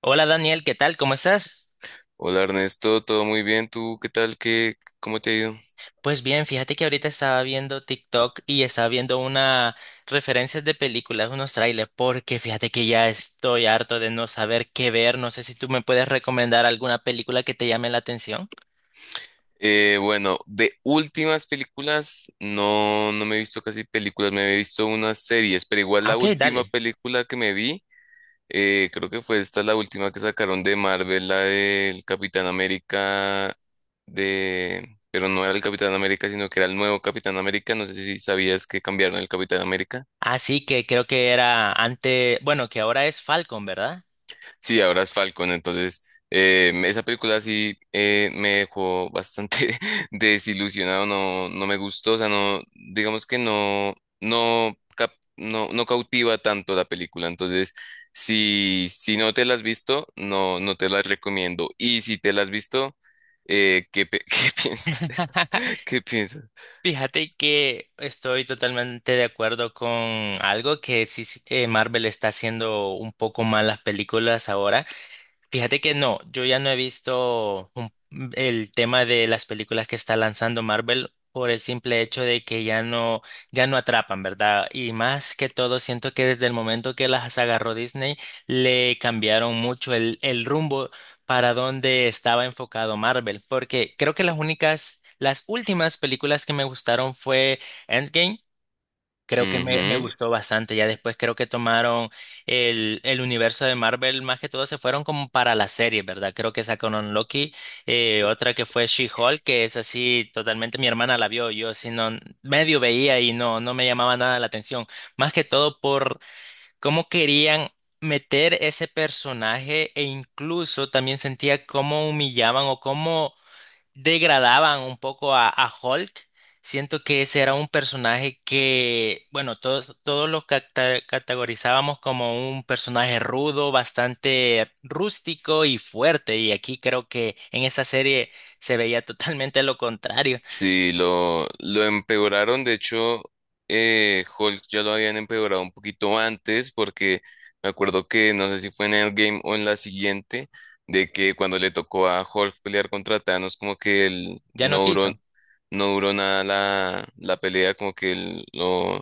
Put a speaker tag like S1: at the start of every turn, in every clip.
S1: Hola Daniel, ¿qué tal? ¿Cómo estás?
S2: Hola Ernesto, todo muy bien. ¿Tú qué tal? ¿Cómo te ha ido?
S1: Pues bien, fíjate que ahorita estaba viendo TikTok y estaba viendo una referencias de películas, unos trailers, porque fíjate que ya estoy harto de no saber qué ver. No sé si tú me puedes recomendar alguna película que te llame la atención.
S2: Bueno, de últimas películas, no, no me he visto casi películas, me he visto unas series, pero igual
S1: Ah,
S2: la
S1: ok,
S2: última
S1: dale.
S2: película que me vi, creo que fue esta la última que sacaron de Marvel, la del Capitán América, pero no era el Capitán América, sino que era el nuevo Capitán América. No sé si sabías que cambiaron el Capitán América.
S1: Así que creo que era antes, bueno, que ahora es Falcon, ¿verdad?
S2: Sí, ahora es Falcon. Entonces, esa película sí, me dejó bastante desilusionado. No, no me gustó, o sea, no, digamos que no, no, no, no cautiva tanto la película. Entonces, si no te la has visto, no, no te la recomiendo, y si te la has visto, ¿Qué piensas de eso? ¿Qué piensas?
S1: Fíjate que estoy totalmente de acuerdo con algo que sí, Marvel está haciendo un poco mal las películas ahora. Fíjate que no, yo ya no he visto el tema de las películas que está lanzando Marvel por el simple hecho de que ya no atrapan, ¿verdad? Y más que todo, siento que desde el momento que las agarró Disney, le cambiaron mucho el rumbo para donde estaba enfocado Marvel, porque creo que las últimas películas que me gustaron fue Endgame. Creo que me
S2: Ujú.
S1: gustó bastante. Ya después creo que tomaron el universo de Marvel, más que todo se fueron como para la serie, ¿verdad? Creo que sacaron Loki, otra que fue She-Hulk, que es así, totalmente mi hermana la vio, yo si no, medio veía y no me llamaba nada la atención. Más que todo por cómo querían meter ese personaje e incluso también sentía cómo humillaban o cómo degradaban un poco a Hulk. Siento que ese era un personaje que, bueno, todos categorizábamos como un personaje rudo, bastante rústico y fuerte. Y aquí creo que en esa serie se veía totalmente lo contrario.
S2: Sí, lo empeoraron. De hecho, Hulk ya lo habían empeorado un poquito antes, porque me acuerdo que no sé si fue en Endgame o en la siguiente, de que cuando le tocó a Hulk pelear contra Thanos, como que él
S1: Ya no
S2: no duró,
S1: quiso.
S2: no duró nada la pelea, como que él lo,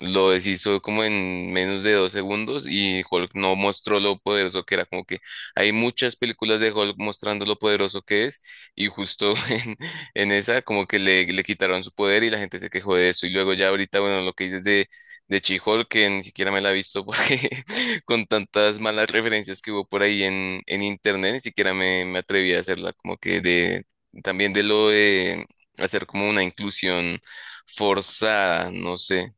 S2: lo deshizo como en menos de 2 segundos y Hulk no mostró lo poderoso que era. Como que hay muchas películas de Hulk mostrando lo poderoso que es y justo en esa como que le quitaron su poder y la gente se quejó de eso. Y luego ya ahorita, bueno, lo que dices de She-Hulk, que ni siquiera me la he visto porque con tantas malas referencias que hubo por ahí en internet, ni siquiera me atreví a hacerla. Como que de también de lo de hacer como una inclusión forzada, no sé.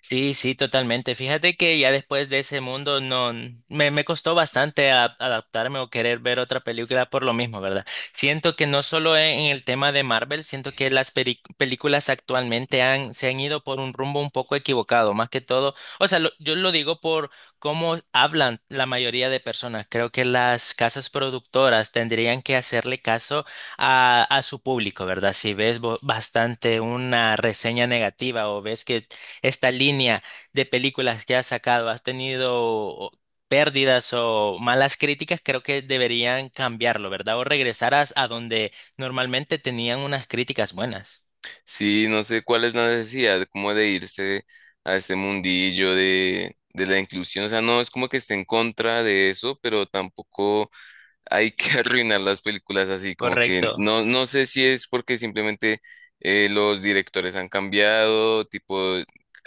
S1: Sí, sí, totalmente. Fíjate que ya después de ese mundo no me, me costó bastante adaptarme o querer ver otra película por lo mismo, ¿verdad? Siento que no solo en el tema de Marvel, siento que las películas actualmente se han ido por un rumbo un poco equivocado, más que todo. O sea, yo lo digo por cómo hablan la mayoría de personas. Creo que las casas productoras tendrían que hacerle caso a su público, ¿verdad? Si ves bastante una reseña negativa o ves que esta línea de películas que has sacado, has tenido pérdidas o malas críticas, creo que deberían cambiarlo, ¿verdad? O regresar a donde normalmente tenían unas críticas buenas.
S2: Sí, no sé cuál es la necesidad como de irse a este mundillo de la inclusión. O sea, no es como que esté en contra de eso, pero tampoco hay que arruinar las películas así, como que
S1: Correcto.
S2: no, no sé si es porque simplemente los directores han cambiado, tipo,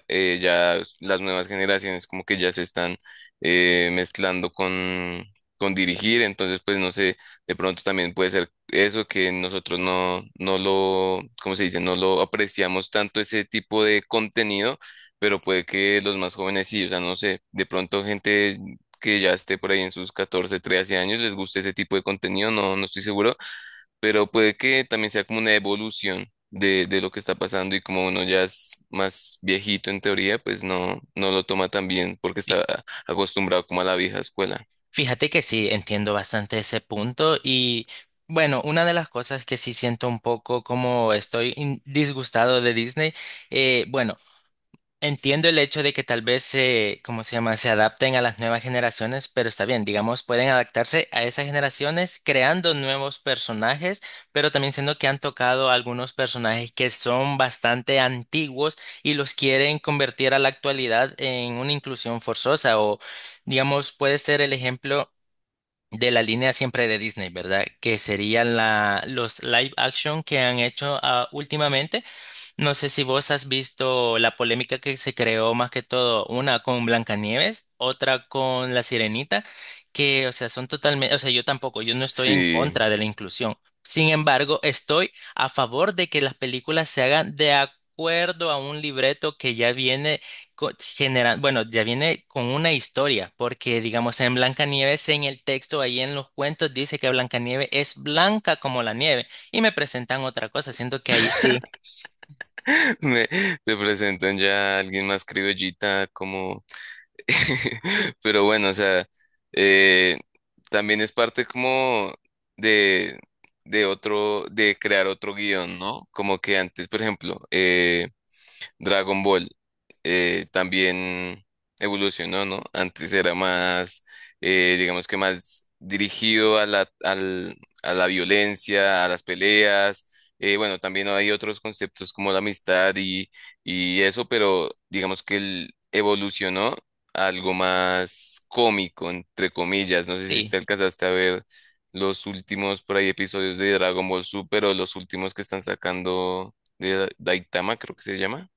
S2: ya las nuevas generaciones como que ya se están mezclando con dirigir, entonces pues no sé, de pronto también puede ser eso que nosotros no, no lo, ¿cómo se dice? No lo apreciamos tanto ese tipo de contenido. Pero puede que los más jóvenes sí, o sea, no sé, de pronto gente que ya esté por ahí en sus 14 13 años, les guste ese tipo de contenido, no, no estoy seguro, pero puede que también sea como una evolución de lo que está pasando y como uno ya es más viejito en teoría, pues no, no lo toma tan bien porque
S1: Fí-
S2: está acostumbrado como a la vieja escuela.
S1: Fíjate que sí, entiendo bastante ese punto y bueno, una de las cosas que sí siento un poco como estoy disgustado de Disney, bueno. Entiendo el hecho de que tal vez se, ¿cómo se llama? Se adapten a las nuevas generaciones, pero está bien, digamos, pueden adaptarse a esas generaciones creando nuevos personajes, pero también siendo que han tocado algunos personajes que son bastante antiguos y los quieren convertir a la actualidad en una inclusión forzosa o, digamos, puede ser el ejemplo de la línea siempre de Disney, ¿verdad? Que serían los live action que han hecho ah, últimamente no sé si vos has visto la polémica que se creó más que todo, una con Blancanieves, otra con La Sirenita, que, o sea, son totalmente, o sea, yo tampoco, yo no estoy en
S2: Sí,
S1: contra de la inclusión. Sin embargo, estoy a favor de que las películas se hagan de acuerdo a un libreto que ya viene bueno, ya viene con una historia, porque digamos en Blancanieves, en el texto, ahí en los cuentos, dice que Blancanieves es blanca como la nieve, y me presentan otra cosa, siento que ahí sí.
S2: me, te presentan ya a alguien más criollita como. Pero bueno, o sea, eh, también es parte como de, de otro, de crear otro guión, ¿no? Como que antes, por ejemplo, Dragon Ball también evolucionó, ¿no? Antes era más, digamos que más dirigido a la, a la violencia, a las peleas. Bueno, también hay otros conceptos como la amistad y eso, pero digamos que él evolucionó a algo más cómico, entre comillas. No sé si
S1: Sí,
S2: te alcanzaste a ver los últimos por ahí episodios de Dragon Ball Super o los últimos que están sacando de Daitama, creo que se llama.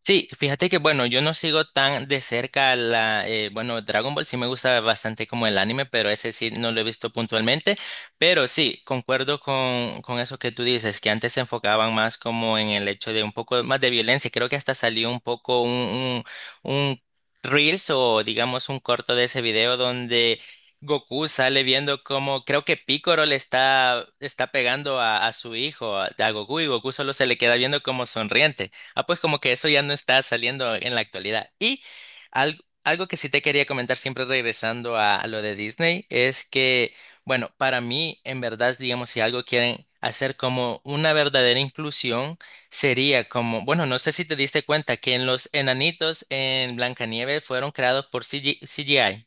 S1: sí, fíjate que bueno, yo no sigo tan de cerca la, bueno, Dragon Ball sí me gusta bastante como el anime, pero ese sí no lo he visto puntualmente, pero sí, concuerdo con eso que tú dices, que antes se enfocaban más como en el hecho de un poco más de violencia, creo que hasta salió un poco un Reels o digamos un corto de ese video donde... Goku sale viendo como creo que Piccolo está pegando a su hijo, a Goku, y Goku solo se le queda viendo como sonriente. Ah, pues como que eso ya no está saliendo en la actualidad. Y algo que sí te quería comentar, siempre regresando a lo de Disney, es que, bueno, para mí, en verdad, digamos, si algo quieren hacer como una verdadera inclusión, sería como, bueno, no sé si te diste cuenta que en los enanitos en Blancanieves fueron creados por CG CGI,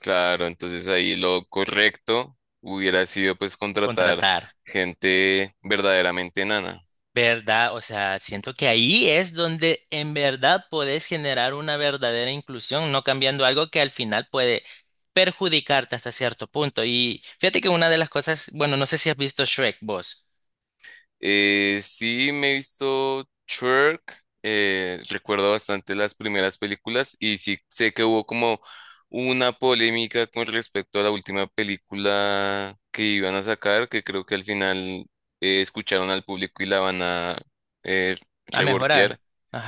S2: Claro, entonces ahí lo correcto hubiera sido pues contratar
S1: contratar.
S2: gente verdaderamente enana.
S1: ¿Verdad? O sea, siento que ahí es donde en verdad podés generar una verdadera inclusión, no cambiando algo que al final puede perjudicarte hasta cierto punto. Y fíjate que una de las cosas, bueno, no sé si has visto Shrek, vos,
S2: Sí, me he visto Shrek, recuerdo bastante las primeras películas y sí sé que hubo como una polémica con respecto a la última película que iban a sacar, que creo que al final escucharon al público y la van a eh,
S1: a
S2: reworkear.
S1: mejorar.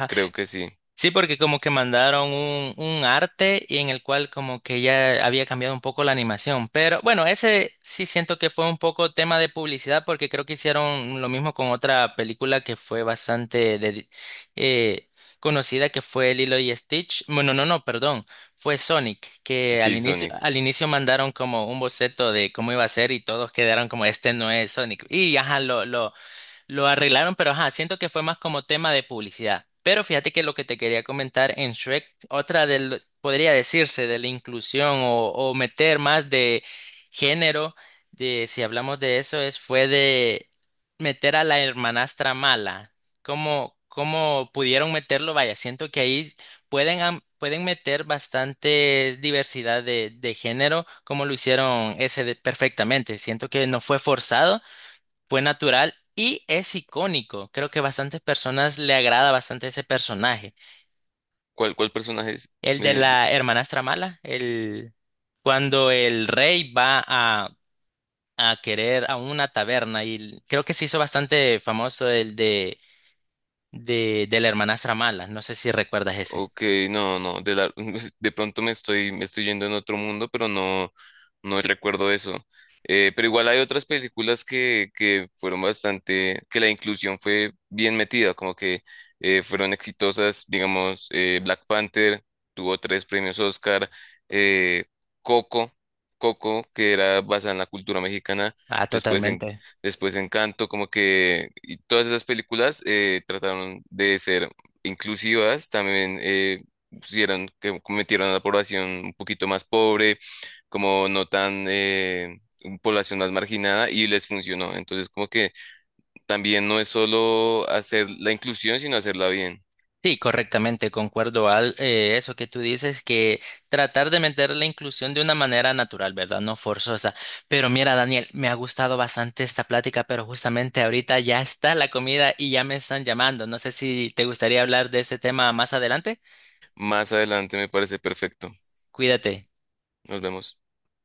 S2: Creo que sí,
S1: Sí, porque como que mandaron un arte y en el cual como que ya había cambiado un poco la animación. Pero bueno, ese sí siento que fue un poco tema de publicidad porque creo que hicieron lo mismo con otra película que fue bastante eh, conocida que fue Lilo y Stitch. Bueno, no, no, perdón. Fue Sonic, que
S2: sí, Sonic.
S1: al inicio mandaron como un boceto de cómo iba a ser y todos quedaron como este no es Sonic. Y ajá, lo arreglaron, pero ajá, siento que fue más como tema de publicidad. Pero fíjate que lo que te quería comentar en Shrek, otra del, podría decirse, de la inclusión o meter más de género, de si hablamos de eso, es fue de meter a la hermanastra mala. ¿Cómo, cómo pudieron meterlo? Vaya, siento que ahí pueden meter bastante diversidad de género, como lo hicieron perfectamente. Siento que no fue forzado fue natural y es icónico. Creo que bastantes personas le agrada bastante ese personaje.
S2: ¿Cuál personaje es?
S1: El de
S2: Eh,
S1: la hermanastra mala, el cuando el rey va a querer a una taberna y creo que se hizo bastante famoso de la hermanastra mala. No sé si recuerdas ese.
S2: Ok, no, no, de pronto me estoy yendo en otro mundo, pero no, no recuerdo eso. Pero igual hay otras películas que fueron bastante, que la inclusión fue bien metida, como que fueron exitosas, digamos, Black Panther tuvo tres premios Oscar, eh, Coco, Coco, que era basada en la cultura mexicana,
S1: Ah,
S2: después en,
S1: totalmente.
S2: después Encanto, como que y todas esas películas trataron de ser inclusivas, también pusieron que cometieron a la población un poquito más pobre, como no tan, población más marginada y les funcionó. Entonces, como que también no es solo hacer la inclusión, sino hacerla bien.
S1: Sí, correctamente, concuerdo al eso que tú dices, que tratar de meter la inclusión de una manera natural, ¿verdad? No forzosa. Pero mira, Daniel, me ha gustado bastante esta plática, pero justamente ahorita ya está la comida y ya me están llamando. No sé si te gustaría hablar de este tema más adelante.
S2: Más adelante me parece perfecto.
S1: Cuídate.
S2: Nos vemos.